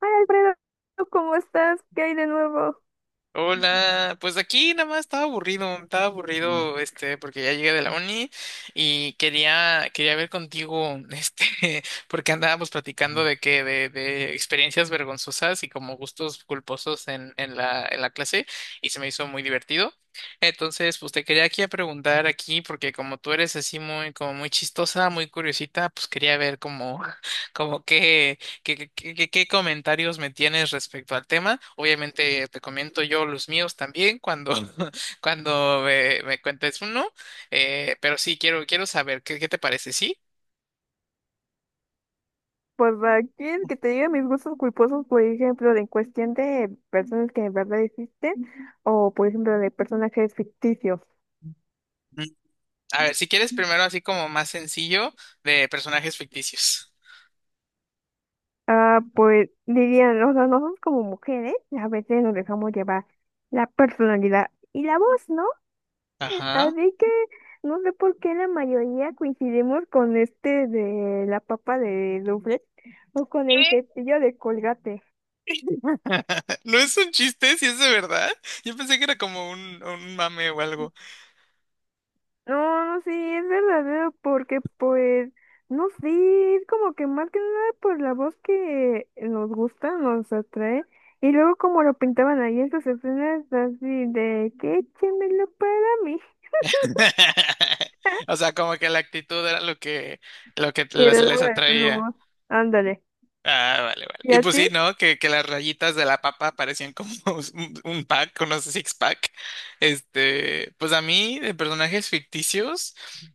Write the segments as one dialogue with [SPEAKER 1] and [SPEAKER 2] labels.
[SPEAKER 1] Hola Alfredo, ¿cómo estás? ¿Qué hay de nuevo?
[SPEAKER 2] Hola, pues aquí nada más estaba aburrido, porque ya llegué de la uni y quería ver contigo, porque andábamos platicando de experiencias vergonzosas y como gustos culposos en la clase y se me hizo muy divertido. Entonces, pues te quería aquí a preguntar aquí, porque como tú eres así muy, como muy chistosa, muy curiosita, pues quería ver como, como ¿Qué comentarios me tienes respecto al tema? Obviamente te comento yo los míos también cuando, cuando me cuentes uno, pero sí, quiero saber, qué te parece? ¿Sí?
[SPEAKER 1] Pues aquí el que te diga mis gustos culposos, por ejemplo, de en cuestión de personas que en verdad existen o por ejemplo de personajes ficticios.
[SPEAKER 2] Mm, A ver, si quieres primero así como más sencillo de personajes ficticios.
[SPEAKER 1] Ah, pues dirían, o sea, nosotros como mujeres a veces nos dejamos llevar la personalidad y la voz, ¿no?
[SPEAKER 2] Ajá.
[SPEAKER 1] Así que no sé por qué la mayoría coincidimos con este de la papa de Duflet o con el
[SPEAKER 2] ¿Qué?
[SPEAKER 1] cepillo de Colgate.
[SPEAKER 2] No es un chiste, si es de verdad. Yo pensé que era como un mame o algo.
[SPEAKER 1] No, sí, es verdadero, porque pues, no sé, es como que más que nada por la voz que nos gusta, nos atrae, y luego como lo pintaban ahí esas escenas así de que échemelo para mí,
[SPEAKER 2] O sea, como que la actitud era lo que
[SPEAKER 1] y le
[SPEAKER 2] les
[SPEAKER 1] daba el
[SPEAKER 2] atraía.
[SPEAKER 1] pluma, ándale,
[SPEAKER 2] Ah, vale, vale.
[SPEAKER 1] ¿y
[SPEAKER 2] Y
[SPEAKER 1] a
[SPEAKER 2] pues
[SPEAKER 1] ti?
[SPEAKER 2] sí, ¿no? Que las rayitas de la papa parecían como un pack, unos six pack. Este, pues a mí, de personajes ficticios,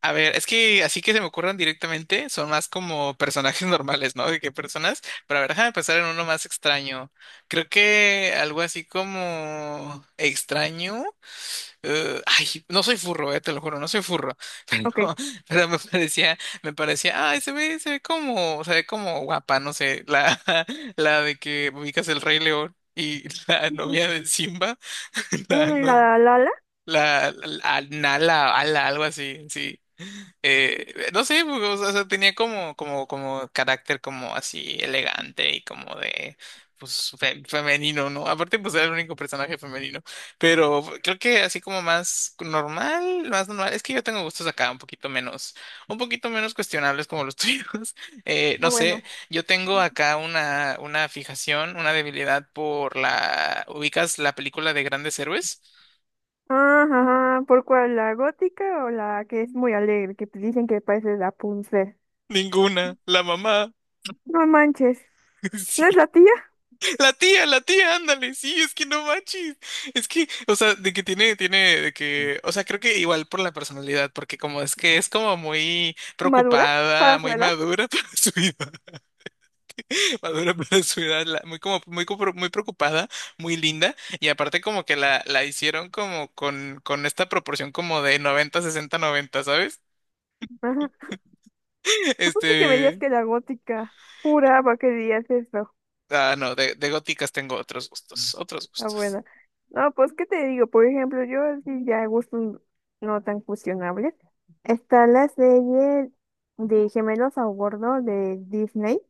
[SPEAKER 2] a ver, es que así que se me ocurran directamente, son más como personajes normales, ¿no? De que personas, pero a ver, déjame pensar en uno más extraño. Creo que algo así como extraño. Ay, no soy furro, te lo juro, no soy furro.
[SPEAKER 1] Ok.
[SPEAKER 2] Pero, pero me parecía, ay, se ve como guapa, no sé, la de que ubicas el Rey León y la
[SPEAKER 1] Ujú.
[SPEAKER 2] novia de Simba,
[SPEAKER 1] Mm,
[SPEAKER 2] no,
[SPEAKER 1] la la la,
[SPEAKER 2] la, la- Nala, Ala, algo así, sí. No sé, pues, o sea, tenía como, carácter como así elegante y como de, pues, femenino, ¿no? Aparte, pues era el único personaje femenino. Pero creo que así como más normal, es que yo tengo gustos acá un poquito menos cuestionables como los tuyos.
[SPEAKER 1] ah
[SPEAKER 2] No
[SPEAKER 1] bueno,
[SPEAKER 2] sé, yo tengo acá una fijación, una debilidad por ¿ubicas la película de Grandes Héroes?
[SPEAKER 1] ajá, ajá, ¿por cuál? ¿La gótica o la que es muy alegre, que dicen que parece la Rapunzel?
[SPEAKER 2] Ninguna, la mamá.
[SPEAKER 1] No manches, ¿no
[SPEAKER 2] Sí.
[SPEAKER 1] es la tía?
[SPEAKER 2] La tía, ándale, sí, es que no manches. Es que, o sea, de que tiene, o sea, creo que igual por la personalidad, porque como es que es como muy
[SPEAKER 1] ¿Madura?
[SPEAKER 2] preocupada,
[SPEAKER 1] ¿Para su
[SPEAKER 2] muy
[SPEAKER 1] edad?
[SPEAKER 2] madura para su edad, madura para su edad, muy preocupada, muy linda, y aparte como que la hicieron como con esta proporción como de 90-60-90, ¿sabes?
[SPEAKER 1] Ajá. Yo pensé que me digas
[SPEAKER 2] Este,
[SPEAKER 1] que la gótica. Juraba que dirías eso.
[SPEAKER 2] ah, no, de góticas tengo otros gustos, otros
[SPEAKER 1] Ah,
[SPEAKER 2] gustos.
[SPEAKER 1] bueno. No, pues, ¿qué te digo? Por ejemplo, yo así ya gustos no tan cuestionables. Está la serie de Gemelos a Bordo de Disney.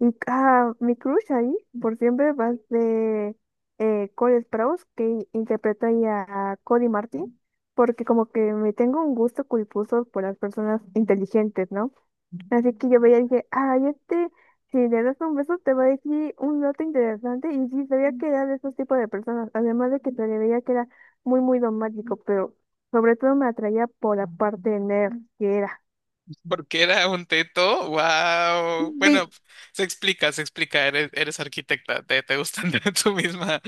[SPEAKER 1] Y ah, mi crush ahí, por siempre, va de Cole Sprouse, que interpreta ahí a Cody Martin. Porque como que me tengo un gusto culposo por las personas inteligentes, ¿no? Así que yo veía y dije, ay, este, si le das un beso te va a decir un dato interesante. Y sí, sabía que era de esos tipos de personas. Además de que se le veía que era muy dogmático, pero sobre todo me atraía por la parte nerd que era.
[SPEAKER 2] Porque era un teto, wow. Bueno,
[SPEAKER 1] Sí.
[SPEAKER 2] se explica, eres arquitecta, te gustan tu misma,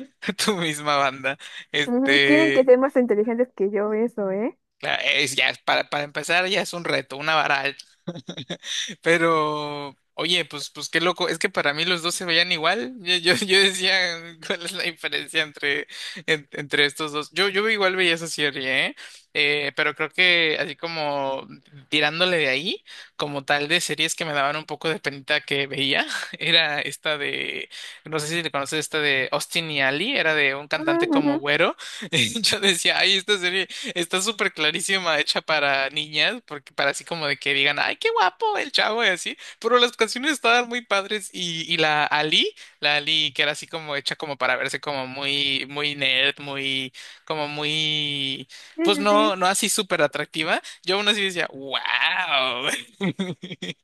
[SPEAKER 2] tu misma banda.
[SPEAKER 1] Ujú, tienen que
[SPEAKER 2] Este,
[SPEAKER 1] ser más inteligentes que yo, eso, ¿eh?
[SPEAKER 2] Claro, es, ya, para empezar ya es un reto, una varal. Pero, oye, pues, qué loco, es que para mí los dos se veían igual. Yo decía, ¿cuál es la diferencia entre estos dos? Yo igual veía esa serie, ¿eh? Pero creo que así como tirándole de ahí, como tal de series que me daban un poco de penita que veía, era esta de, no sé si te conoces, esta de Austin y Ali, era de un cantante
[SPEAKER 1] Ujú.
[SPEAKER 2] como güero. Y yo decía, ay, esta serie. Está súper clarísima, hecha para niñas, porque para así como de que digan, ay, qué guapo el chavo y así, pero las canciones estaban muy padres y la Ali que era así como hecha como para verse como muy, muy nerd, como muy,
[SPEAKER 1] Sí,
[SPEAKER 2] pues
[SPEAKER 1] sí,
[SPEAKER 2] no,
[SPEAKER 1] sí.
[SPEAKER 2] no así súper atractiva, yo aún así decía, wow.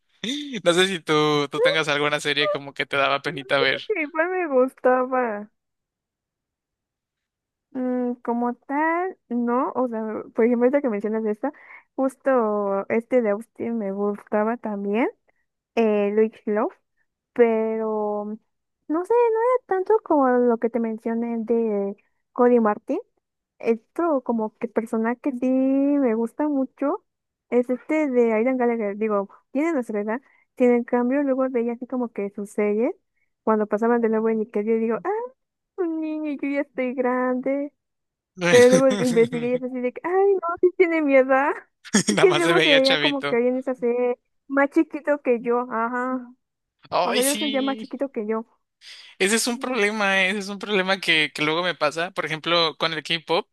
[SPEAKER 2] No sé si tú tengas alguna serie como que te daba
[SPEAKER 1] Mm,
[SPEAKER 2] penita ver.
[SPEAKER 1] creo que igual me gustaba. Mm, como tal, no. O sea, por ejemplo, ahorita que mencionas esta, justo este de Austin me gustaba también. Luis Love, pero no sé, no era tanto como lo que te mencioné de Cody Martin. Esto como que persona que sí me gusta mucho es este de Aidan Gallagher. Digo, tiene nuestra edad, sin en cambio luego veía así como que sus series, cuando pasaban de nuevo en Nickelodeon, digo, ah, un niño, yo ya estoy grande. Pero luego investigué y es así de que, ay, no, sí tiene mi edad. Y
[SPEAKER 2] Nada
[SPEAKER 1] que
[SPEAKER 2] más se
[SPEAKER 1] luego se
[SPEAKER 2] veía
[SPEAKER 1] veía como que
[SPEAKER 2] chavito.
[SPEAKER 1] hoy en esa más chiquito que yo, ajá. O sea,
[SPEAKER 2] Ay,
[SPEAKER 1] ellos son ya más
[SPEAKER 2] sí.
[SPEAKER 1] chiquito que yo.
[SPEAKER 2] Ese es un problema, ese es un problema que luego me pasa. Por ejemplo, con el K-pop,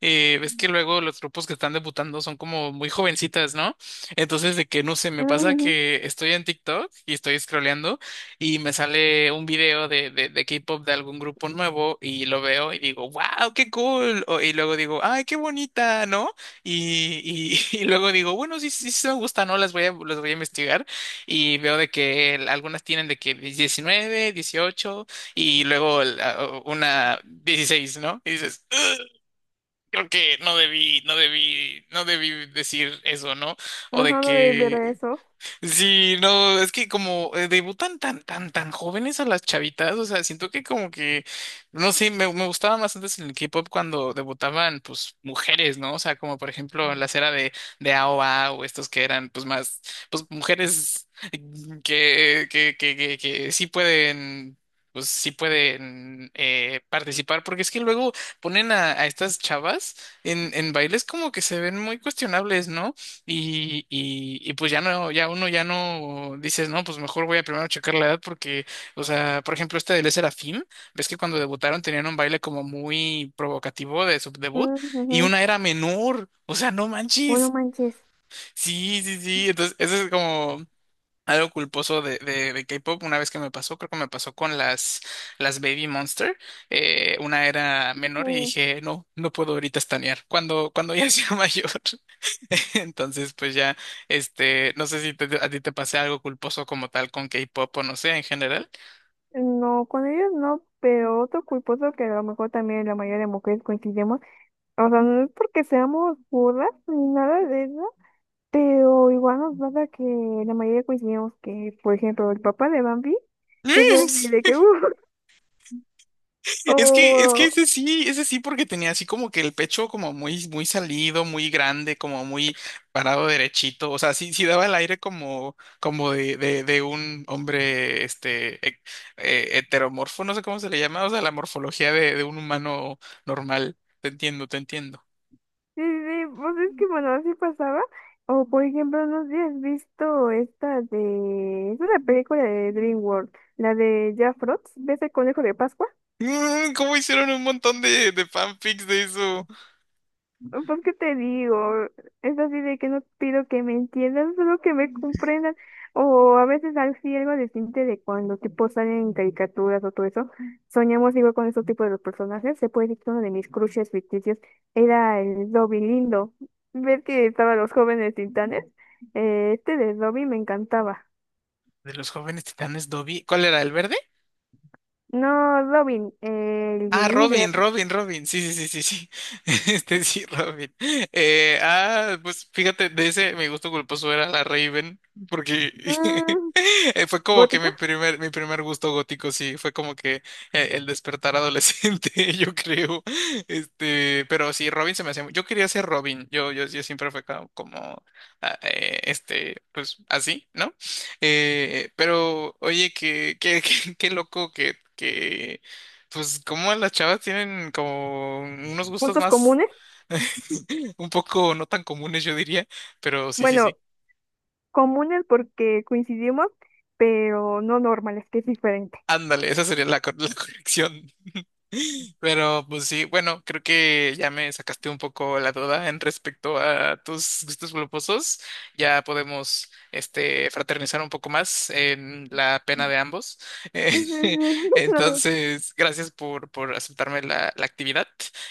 [SPEAKER 2] ves que luego los grupos que están debutando son como muy jovencitas, ¿no? Entonces, de que no sé, me pasa
[SPEAKER 1] Ujú,
[SPEAKER 2] que estoy en TikTok y estoy scrolleando y me sale un video de K-pop de algún grupo nuevo y lo veo y digo, wow, qué cool. Y luego digo, ay, qué bonita, ¿no? Y luego digo, bueno, sí, sí, sí me gusta, ¿no? Las voy a investigar y veo de que algunas tienen de que 19 18 y luego una 16, ¿no? Y dices, "Ugh, creo que no debí, no debí, no debí decir eso, ¿no? O de
[SPEAKER 1] ajá, no debí ver
[SPEAKER 2] que
[SPEAKER 1] eso.
[SPEAKER 2] Sí, no, es que como debutan tan, tan, tan jóvenes a las chavitas, o sea, siento que como que, no sé, me gustaba más antes en el K-pop cuando debutaban, pues, mujeres, ¿no? O sea, como por ejemplo en la era de AOA o A o estos que eran, pues, más, pues, mujeres que sí pueden... Pues sí pueden participar, porque es que luego ponen a estas chavas en bailes como que se ven muy cuestionables, ¿no? Y pues ya no, ya uno ya no dices, no, pues mejor voy a primero checar la edad porque, o sea, por ejemplo, este de Le Serafim, ves que cuando debutaron tenían un baile como muy provocativo de su debut y
[SPEAKER 1] Ujú,
[SPEAKER 2] una era menor, o sea, no
[SPEAKER 1] bueno,
[SPEAKER 2] manches.
[SPEAKER 1] manches.
[SPEAKER 2] Sí, sí, sí, entonces eso es como, algo culposo de K-pop, una vez que me pasó, creo que me pasó con las Baby Monster, una era menor y
[SPEAKER 1] Ujú.
[SPEAKER 2] dije, no, no puedo ahorita estanear, cuando ya sea mayor. Entonces, pues ya, este, no sé si a ti te pasé algo culposo como tal con K-pop o no sé, en general.
[SPEAKER 1] No, con ellos no, pero otro culposo que a lo mejor también la mayoría de mujeres coincidimos, o sea, no es porque seamos burras ni nada de eso, pero igual nos pasa que la mayoría coincidimos que, por ejemplo, el papá de Bambi es así de que,
[SPEAKER 2] Es que
[SPEAKER 1] o,
[SPEAKER 2] ese sí, porque tenía así como que el pecho como muy, muy salido, muy grande, como muy parado derechito. O sea, sí, sí daba el aire como de un hombre, este, heteromorfo, no sé cómo se le llama, o sea, la morfología de un humano normal. Te entiendo, te entiendo.
[SPEAKER 1] sí, sí, sí, pues es que bueno, así pasaba. O por ejemplo, no sé si has visto esta de... Es una película de DreamWorld, la de Jack Frost, ¿ves el conejo de Pascua?
[SPEAKER 2] ¿Cómo hicieron un montón de fanfics de eso?
[SPEAKER 1] Pues qué te digo, es así de que no pido que me entiendan, solo que me comprendan. O a veces así algo distinto de cuando tipo salen en caricaturas o todo eso. Soñamos igual con esos tipos de los personajes. Se puede decir que uno de mis crushes ficticios era el Dobby lindo. Ver que estaban los jóvenes titanes. Este de Dobby me encantaba.
[SPEAKER 2] De los jóvenes titanes Dobby. ¿Cuál era? ¿El verde?
[SPEAKER 1] No, Dobby el
[SPEAKER 2] Ah,
[SPEAKER 1] líder.
[SPEAKER 2] Robin, Robin, Robin. Sí, sí, sí, sí, sí. Este sí, Robin. Ah, pues fíjate, de ese mi gusto culposo era la Raven, porque
[SPEAKER 1] Mm,
[SPEAKER 2] fue como que
[SPEAKER 1] gótica,
[SPEAKER 2] mi primer gusto gótico, sí, fue como que el despertar adolescente, yo creo. Este, pero sí, Robin se me hacía. Yo quería ser Robin. Yo siempre fue como, este, pues así, ¿no? Pero oye, qué loco que pues como las chavas tienen como unos gustos
[SPEAKER 1] gustos
[SPEAKER 2] más
[SPEAKER 1] comunes.
[SPEAKER 2] un poco no tan comunes, yo diría, pero sí, sí, sí.
[SPEAKER 1] Bueno, comunes porque coincidimos, pero no normales, que es diferente.
[SPEAKER 2] Ándale, esa sería la corrección. Pero pues sí, bueno, creo que ya me sacaste un poco la duda en respecto a tus gustos culposos. Ya podemos este fraternizar un poco más en la pena de ambos. Eh,
[SPEAKER 1] Sí, sí, no,
[SPEAKER 2] entonces, gracias por aceptarme la actividad.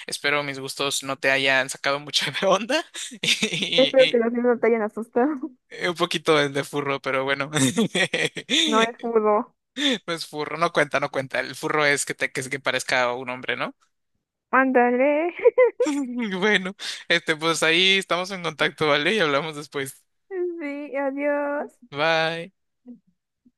[SPEAKER 2] Espero mis gustos no te hayan sacado mucho de onda y,
[SPEAKER 1] espero que
[SPEAKER 2] y-
[SPEAKER 1] los niños no te hayan asustado.
[SPEAKER 2] y un poquito de furro, pero bueno.
[SPEAKER 1] No es fútbol.
[SPEAKER 2] No es furro, no cuenta, no cuenta. El furro es que que parezca un hombre, ¿no?
[SPEAKER 1] Ándale.
[SPEAKER 2] Bueno, este, pues ahí estamos en contacto, ¿vale? Y hablamos después.
[SPEAKER 1] Sí, adiós.
[SPEAKER 2] Bye.